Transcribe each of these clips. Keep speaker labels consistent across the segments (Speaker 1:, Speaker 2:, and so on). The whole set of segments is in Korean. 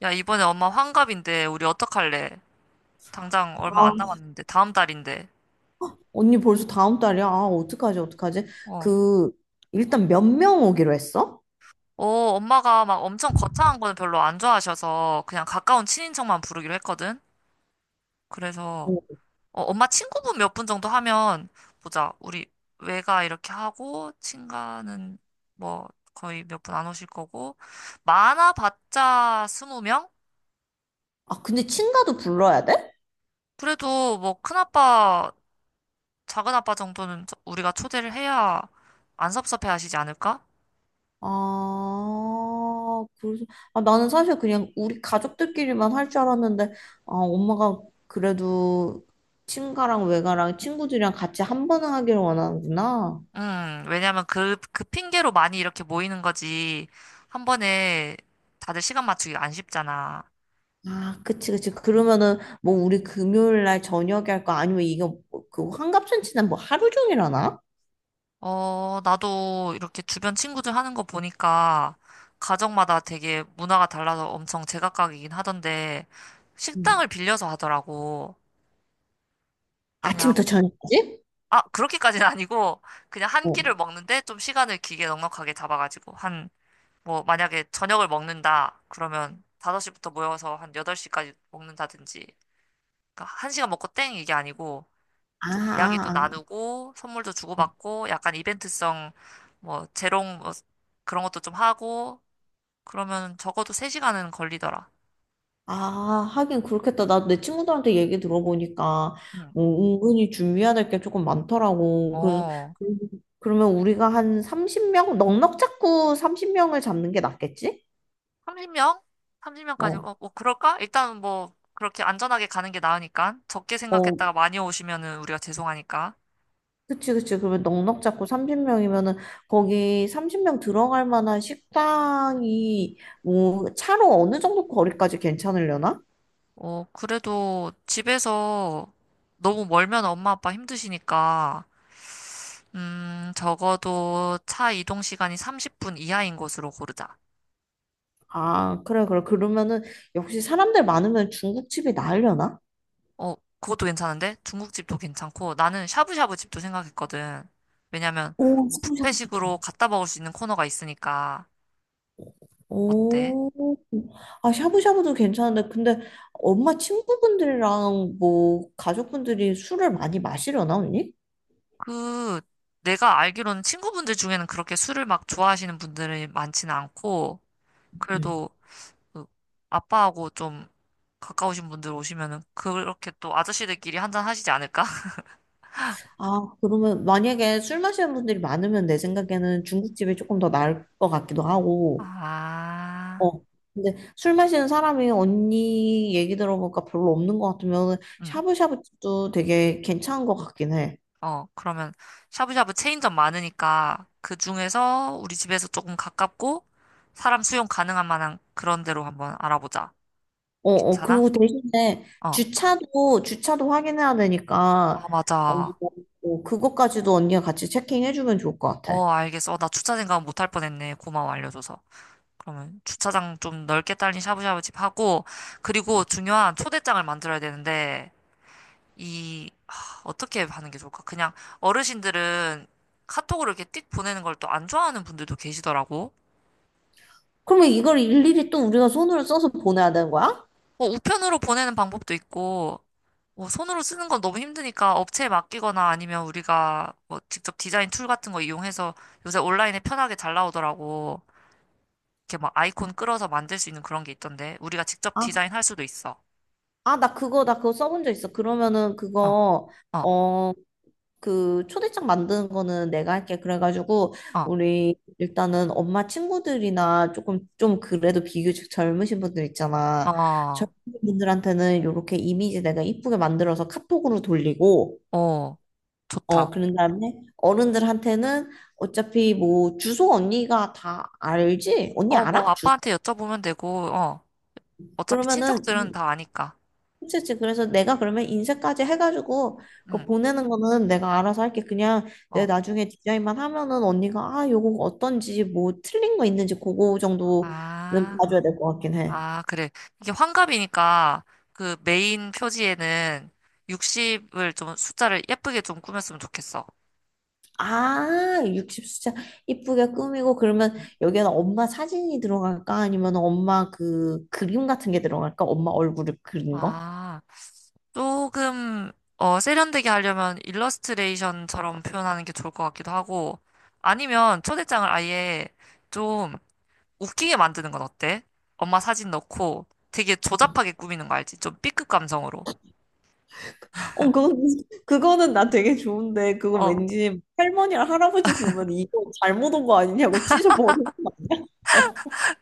Speaker 1: 야, 이번에 엄마 환갑인데, 우리 어떡할래? 당장 얼마
Speaker 2: 아,
Speaker 1: 안 남았는데, 다음 달인데.
Speaker 2: 언니 벌써 다음 달이야? 아, 어떡하지, 어떡하지?
Speaker 1: 어.
Speaker 2: 그, 일단 몇 명 오기로 했어?
Speaker 1: 어, 엄마가 막 엄청 거창한 거는 별로 안 좋아하셔서, 그냥 가까운 친인척만 부르기로 했거든? 그래서,
Speaker 2: 어.
Speaker 1: 어, 엄마 친구분 몇 분 정도 하면, 보자. 우리 외가 이렇게 하고, 친가는 뭐, 거의 몇 분 안 오실 거고, 많아봤자 20명?
Speaker 2: 아, 근데 친가도 불러야 돼?
Speaker 1: 그래도 뭐, 큰아빠, 작은아빠 정도는 우리가 초대를 해야 안 섭섭해 하시지 않을까?
Speaker 2: 아, 그래서, 아, 나는 사실 그냥 우리 가족들끼리만 할 줄 알았는데, 아, 엄마가 그래도 친가랑 외가랑 친구들이랑 같이 한 번은 하기를 원하는구나.
Speaker 1: 왜냐면 그 핑계로 많이 이렇게 모이는 거지. 한 번에 다들 시간 맞추기 안 쉽잖아.
Speaker 2: 아, 그치, 그치. 그러면은, 뭐, 우리 금요일 날 저녁에 할까? 아니면 이거, 뭐, 그, 환갑잔치는 뭐 하루 종일 하나?
Speaker 1: 어, 나도 이렇게 주변 친구들 하는 거 보니까 가정마다 되게 문화가 달라서 엄청 제각각이긴 하던데
Speaker 2: 음.
Speaker 1: 식당을 빌려서 하더라고.
Speaker 2: 아침부터
Speaker 1: 그냥,
Speaker 2: 저녁까지?
Speaker 1: 아, 그렇게까지는 아니고 그냥 한
Speaker 2: 어.
Speaker 1: 끼를 먹는데 좀 시간을 길게 넉넉하게 잡아가지고 한, 뭐, 만약에 저녁을 먹는다. 그러면 5시부터 모여서 한 8시까지 먹는다든지. 그러니까 한 시간 먹고 땡 이게 아니고
Speaker 2: 아,
Speaker 1: 좀 이야기도
Speaker 2: 아,
Speaker 1: 나누고 선물도
Speaker 2: 아. 어.
Speaker 1: 주고받고 약간 이벤트성 뭐 재롱 뭐 그런 것도 좀 하고 그러면 적어도 3시간은 걸리더라.
Speaker 2: 아, 하긴 그렇겠다. 나도 내 친구들한테 얘기 들어보니까
Speaker 1: 응.
Speaker 2: 뭐 은근히 준비해야 될 게 조금 많더라고. 그래서
Speaker 1: 어.
Speaker 2: 그- 그러면 우리가 한 30명 넉넉 잡고 30명을 잡는 게 낫겠지?
Speaker 1: 30명? 30명까지
Speaker 2: 어.
Speaker 1: 어, 뭐 그럴까? 일단 뭐 그렇게 안전하게 가는 게 나으니까 적게
Speaker 2: 어.
Speaker 1: 생각했다가 많이 오시면은 우리가 죄송하니까.
Speaker 2: 그치, 그치. 그러면 넉넉 잡고 30명이면은 거기 30명 들어갈 만한 식당이 뭐 차로 어느 정도 거리까지 괜찮으려나?
Speaker 1: 어, 그래도 집에서 너무 멀면 엄마 아빠 힘드시니까 적어도 차 이동 시간이 30분 이하인 곳으로 고르자.
Speaker 2: 아, 그래, 그래. 그러면은 역시 사람들 많으면 중국집이 나으려나?
Speaker 1: 어, 그것도 괜찮은데? 중국집도 괜찮고, 나는 샤브샤브 집도 생각했거든. 왜냐면,
Speaker 2: 오, 샤브샤브 좋다.
Speaker 1: 뷔페식으로 갖다 먹을 수 있는 코너가 있으니까, 어때?
Speaker 2: 오, 아, 샤브샤브도 괜찮은데, 근데 엄마 친구분들이랑 뭐, 가족분들이 술을 많이 마시려나, 언니?
Speaker 1: 그, 내가 알기로는 친구분들 중에는 그렇게 술을 막 좋아하시는 분들이 많지는 않고,
Speaker 2: 음.
Speaker 1: 그래도, 그 아빠하고 좀 가까우신 분들 오시면은, 그렇게 또 아저씨들끼리 한잔 하시지 않을까?
Speaker 2: 아, 그러면 만약에 술 마시는 분들이 많으면 내 생각에는 중국집이 조금 더 나을 것 같기도 하고,
Speaker 1: 아,
Speaker 2: 어. 근데 술 마시는 사람이 언니 얘기 들어보니까 별로 없는 것 같으면
Speaker 1: 음.
Speaker 2: 샤브샤브집도 되게 괜찮은 것 같긴 해.
Speaker 1: 어, 그러면 샤브샤브 체인점 많으니까 그 중에서 우리 집에서 조금 가깝고 사람 수용 가능한 만한 그런 데로 한번 알아보자.
Speaker 2: 어, 어,
Speaker 1: 괜찮아?
Speaker 2: 그리고 대신에
Speaker 1: 어.
Speaker 2: 주차도, 주차도 확인해야 되니까,
Speaker 1: 아,
Speaker 2: 어,
Speaker 1: 맞아.
Speaker 2: 어, 그것까지도 언니가 같이 체킹해주면 좋을 것 같아.
Speaker 1: 어, 알겠어. 어, 나 주차 생각 못할 뻔했네. 고마워, 알려줘서. 그러면 주차장 좀 넓게 딸린 샤브샤브 집 하고, 그리고 중요한 초대장을 만들어야 되는데, 이, 하, 어떻게 하는 게 좋을까? 그냥 어르신들은 카톡으로 이렇게 띡 보내는 걸 또 안 좋아하는 분들도 계시더라고.
Speaker 2: 그러면 이걸 일일이 또 우리가 손으로 써서 보내야 되는 거야?
Speaker 1: 뭐 우편으로 보내는 방법도 있고, 뭐 손으로 쓰는 건 너무 힘드니까 업체에 맡기거나 아니면 우리가 뭐 직접 디자인 툴 같은 거 이용해서 요새 온라인에 편하게 잘 나오더라고. 이렇게 막 아이콘 끌어서 만들 수 있는 그런 게 있던데, 우리가 직접
Speaker 2: 아,
Speaker 1: 디자인할 수도 있어.
Speaker 2: 아, 나 그거 써본 적 있어. 그러면은
Speaker 1: 어,
Speaker 2: 그거,
Speaker 1: 어,
Speaker 2: 어, 그 초대장 만드는 거는 내가 할게. 그래가지고
Speaker 1: 어,
Speaker 2: 우리 일단은 엄마 친구들이나 조금 좀 그래도 비교적 젊으신 분들 있잖아.
Speaker 1: 어,
Speaker 2: 젊은 분들한테는 이렇게 이미지 내가 이쁘게 만들어서 카톡으로 돌리고
Speaker 1: 어,
Speaker 2: 어
Speaker 1: 좋다.
Speaker 2: 그런 다음에 어른들한테는 어차피 뭐 주소 언니가 다 알지? 언니
Speaker 1: 어, 뭐
Speaker 2: 알아? 주소.
Speaker 1: 아빠한테 여쭤보면 되고, 어, 어차피
Speaker 2: 그러면은
Speaker 1: 친척들은 다 아니까.
Speaker 2: 그치, 그치. 그래서 내가 그러면 인쇄까지 해가지고 그
Speaker 1: 응,
Speaker 2: 보내는 거는 내가 알아서 할게. 그냥 내
Speaker 1: 어,
Speaker 2: 나중에 디자인만 하면은 언니가 아, 요거 어떤지 뭐 틀린 거 있는지 그거 정도는
Speaker 1: 아.
Speaker 2: 봐줘야 될 것 같긴 해.
Speaker 1: 아, 그래. 이게 환갑이니까 그 메인 표지에는 60을 좀 숫자를 예쁘게 좀 꾸몄으면 좋겠어.
Speaker 2: 아, 60수자 이쁘게 꾸미고 그러면 여기에는 엄마 사진이 들어갈까? 아니면 엄마 그 그림 같은 게 들어갈까? 엄마 얼굴을 그린 거?
Speaker 1: 아, 조금 어, 세련되게 하려면 일러스트레이션처럼 표현하는 게 좋을 것 같기도 하고 아니면 초대장을 아예 좀 웃기게 만드는 건 어때? 엄마 사진 넣고 되게 조잡하게 꾸미는 거 알지? 좀 B급 감성으로.
Speaker 2: 어, 그거는 나 되게 좋은데 그거
Speaker 1: 어.
Speaker 2: 왠지 할머니랑 할아버지 보면 이거 잘못 온 거 아니냐고 찢어버리는 거 아니야?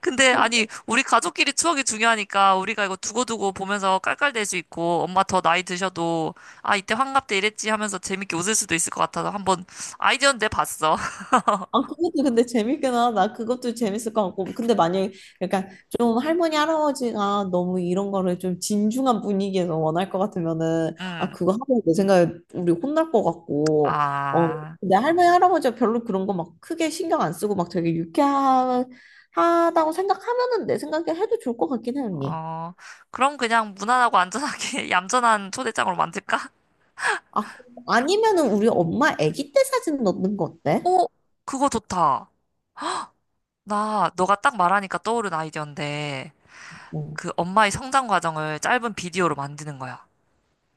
Speaker 1: 근데 아니 우리 가족끼리 추억이 중요하니까 우리가 이거 두고두고 보면서 깔깔댈 수 있고 엄마 더 나이 드셔도 아 이때 환갑 때 이랬지 하면서 재밌게 웃을 수도 있을 것 같아서 한번 아이디어는 내봤어.
Speaker 2: 아, 그것도 근데 재밌긴 하다. 그것도 재밌을 것 같고. 근데 만약에, 그러니까 좀 할머니, 할아버지가 너무 이런 거를 좀 진중한 분위기에서 원할 것 같으면은, 아,
Speaker 1: 응.
Speaker 2: 그거 하면 내 생각에 우리 혼날 것 같고, 어,
Speaker 1: 아,
Speaker 2: 근데 할머니, 할아버지가 별로 그런 거 막 크게 신경 안 쓰고 막 되게 유쾌하다고 생각하면은 내 생각에 해도 좋을 것 같긴 해, 언니.
Speaker 1: 어, 그럼 그냥 무난하고 안전하게 얌전한 초대장으로 만들까?
Speaker 2: 아, 아니면은 우리 엄마 아기 때 사진 넣는 거 어때?
Speaker 1: 오, 그거 좋다. 나 너가 딱 말하니까 떠오른 아이디어인데
Speaker 2: 응.
Speaker 1: 그 엄마의 성장 과정을 짧은 비디오로 만드는 거야.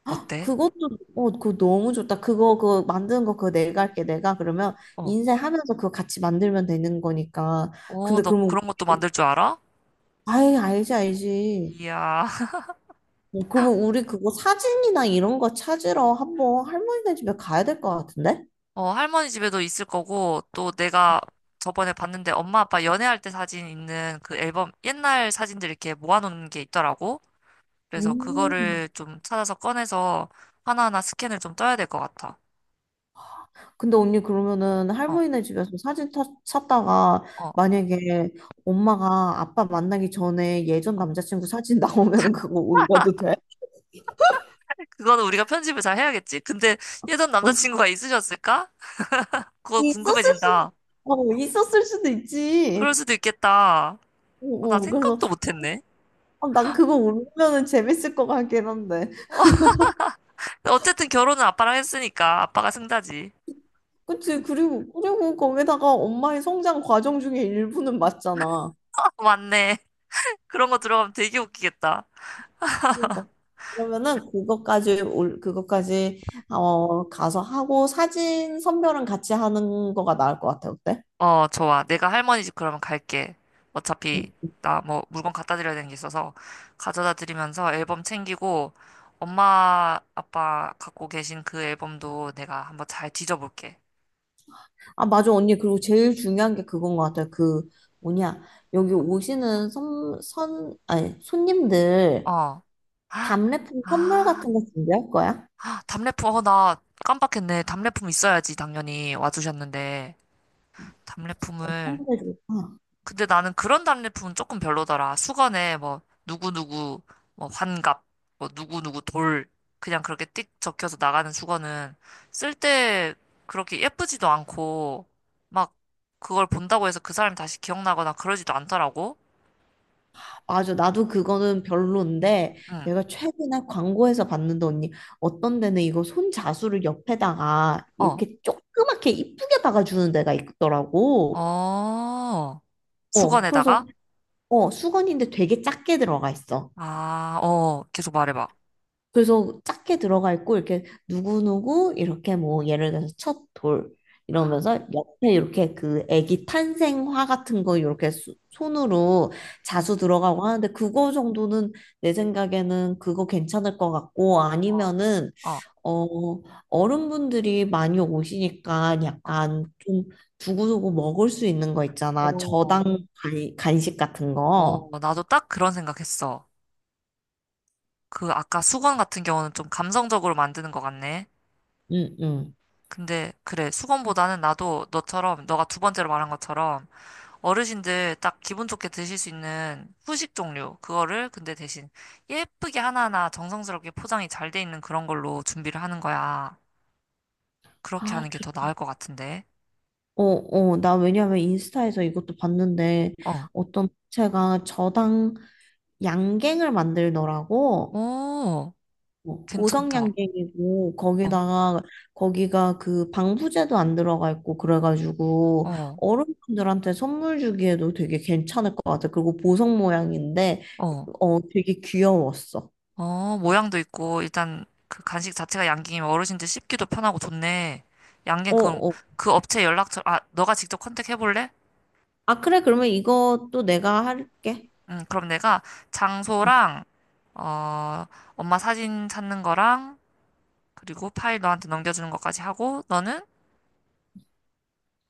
Speaker 1: 어때?
Speaker 2: 그것도 어 그거 너무 좋다. 그거 그 만드는 거 그거 내가 할게. 내가 그러면
Speaker 1: 어.
Speaker 2: 인쇄하면서 그거 같이 만들면 되는 거니까.
Speaker 1: 오,
Speaker 2: 근데
Speaker 1: 너
Speaker 2: 그러면
Speaker 1: 그런 것도 만들 줄 알아?
Speaker 2: 아이 알지 알지.
Speaker 1: 이야.
Speaker 2: 어, 그러면 우리 그거 사진이나 이런 거 찾으러 한번 할머니네 집에 가야 될 것 같은데?
Speaker 1: 어, 할머니 집에도 있을 거고, 또 내가 저번에 봤는데 엄마 아빠 연애할 때 사진 있는 그 앨범, 옛날 사진들 이렇게 모아놓은 게 있더라고. 그래서
Speaker 2: 오.
Speaker 1: 그거를 좀 찾아서 꺼내서 하나하나 스캔을 좀 떠야 될 것 같아.
Speaker 2: 근데 언니 그러면은
Speaker 1: 어,
Speaker 2: 할머니네 집에서 사진 찾다가
Speaker 1: 어.
Speaker 2: 만약에 엄마가 아빠 만나기 전에 예전 남자친구 사진 나오면은 그거 올려도 돼?
Speaker 1: 그거는 우리가 편집을 잘 해야겠지. 근데 예전
Speaker 2: 어.
Speaker 1: 남자친구가 있으셨을까? 그거
Speaker 2: 있었을 수도,
Speaker 1: 궁금해진다.
Speaker 2: 있었을 수도
Speaker 1: 그럴
Speaker 2: 있지.
Speaker 1: 수도 있겠다.
Speaker 2: 어,
Speaker 1: 어, 나
Speaker 2: 어, 그래서
Speaker 1: 생각도 못했네.
Speaker 2: 아, 난 그거 울면은 재밌을 것 같긴 한데.
Speaker 1: 근데 어쨌든 결혼은 아빠랑 했으니까 아빠가 승자지.
Speaker 2: 그치, 그리고 거기다가 엄마의 성장 과정 중에 일부는 맞잖아.
Speaker 1: 맞네. 그런 거 들어가면 되게 웃기겠다.
Speaker 2: 그러니까. 그러면은 그것까지 어 가서 하고 사진 선별은 같이 하는 거가 나을 것 같아 어때?
Speaker 1: 어, 좋아. 내가 할머니 집 그러면 갈게. 어차피
Speaker 2: 응.
Speaker 1: 나 뭐 물건 갖다 드려야 되는 게 있어서 가져다 드리면서 앨범 챙기고 엄마 아빠 갖고 계신 그 앨범도 내가 한번 잘 뒤져볼게.
Speaker 2: 아 맞아 언니 그리고 제일 중요한 게 그건 것 같아 그 뭐냐 여기 오시는 선, 선 아니 손님들
Speaker 1: 어. 아,
Speaker 2: 답례품 선물 같은 거 준비할 거야?
Speaker 1: 답례품. 어, 나 깜빡했네. 답례품 있어야지 당연히 와주셨는데
Speaker 2: 어떤
Speaker 1: 답례품을
Speaker 2: 좋을까
Speaker 1: 근데 나는 그런 답례품은 조금 별로더라. 수건에 뭐 누구누구 뭐 환갑 뭐 누구누구 돌 그냥 그렇게 띡 적혀서 나가는 수건은 쓸 때 그렇게 예쁘지도 않고 막 그걸 본다고 해서 그 사람이 다시 기억나거나 그러지도 않더라고.
Speaker 2: 맞아, 나도 그거는 별론데
Speaker 1: 응.
Speaker 2: 내가 최근에 광고에서 봤는데 언니 어떤 데는 이거 손자수를 옆에다가
Speaker 1: 어.
Speaker 2: 이렇게 조그맣게 이쁘게 박아주는 데가 있더라고.
Speaker 1: 어.
Speaker 2: 어,
Speaker 1: 수건에다가
Speaker 2: 그래서 어 수건인데 되게 작게 들어가 있어.
Speaker 1: 아, 어. 계속 말해 봐.
Speaker 2: 그래서 작게 들어가 있고 이렇게 누구누구 이렇게 뭐 예를 들어서 첫 돌
Speaker 1: 아.
Speaker 2: 이러면서 옆에 이렇게 그 아기 탄생화 같은 거 이렇게 손으로
Speaker 1: 음.
Speaker 2: 자수 들어가고 하는데 그거 정도는 내 생각에는 그거 괜찮을 것 같고
Speaker 1: 어.
Speaker 2: 아니면은
Speaker 1: 어.
Speaker 2: 어 어른분들이 많이 오시니까
Speaker 1: 어.
Speaker 2: 약간 좀 두고두고 먹을 수 있는 거 있잖아
Speaker 1: 어.
Speaker 2: 저당 간식 같은 거.
Speaker 1: 어. 나도 딱 그런 생각했어. 그 아까 수건 같은 경우는 좀 감성적으로 만드는 것 같네.
Speaker 2: 응, 응.
Speaker 1: 근데 그래, 수건보다는 나도 너처럼, 너가 두 번째로 말한 것처럼 어르신들 딱 기분 좋게 드실 수 있는 후식 종류, 그거를 근데 대신 예쁘게 하나하나 정성스럽게 포장이 잘 돼 있는 그런 걸로 준비를 하는 거야. 그렇게
Speaker 2: 아,
Speaker 1: 하는 게 더 나을 것 같은데.
Speaker 2: 어, 어, 나 왜냐면 인스타에서 이것도 봤는데
Speaker 1: 어,
Speaker 2: 어떤 업체가 저당 양갱을 만들더라고.
Speaker 1: 오,
Speaker 2: 어, 보석
Speaker 1: 괜찮다.
Speaker 2: 양갱이고
Speaker 1: 어,
Speaker 2: 거기다가 거기가 그 방부제도 안 들어가 있고 그래가지고
Speaker 1: 어,
Speaker 2: 어른분들한테 선물 주기에도 되게 괜찮을 것 같아. 그리고 보석 모양인데
Speaker 1: 어.
Speaker 2: 어 되게 귀여웠어.
Speaker 1: 어, 모양도 있고, 일단 그 간식 자체가 양갱이면 어르신들 씹기도 편하고 좋네. 양갱
Speaker 2: 어,
Speaker 1: 그,
Speaker 2: 어.
Speaker 1: 그 업체 연락처, 아, 너가 직접 컨택해볼래?
Speaker 2: 아 그래 그러면 이것도 내가 할게.
Speaker 1: 응, 그럼 내가 장소랑, 어, 엄마 사진 찾는 거랑, 그리고 파일 너한테 넘겨주는 것까지 하고, 너는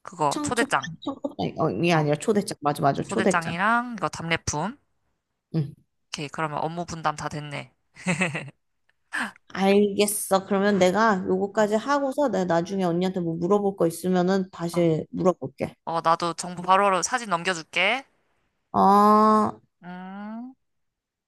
Speaker 1: 그거
Speaker 2: 청첩장
Speaker 1: 초대장.
Speaker 2: 청첩장이
Speaker 1: 어,
Speaker 2: 아니라 초대장 맞아
Speaker 1: 어,
Speaker 2: 맞아 초대장.
Speaker 1: 초대장이랑 이거 답례품.
Speaker 2: 응.
Speaker 1: 오케이, 그러면 업무 분담 다 됐네.
Speaker 2: 알겠어. 그러면 내가
Speaker 1: 어,
Speaker 2: 요거까지 하고서 내가 나중에 언니한테 뭐 물어볼 거 있으면은
Speaker 1: 어,
Speaker 2: 다시 물어볼게.
Speaker 1: 어, 나도 정보 바로바로 사진 넘겨줄게.
Speaker 2: 어.
Speaker 1: 음.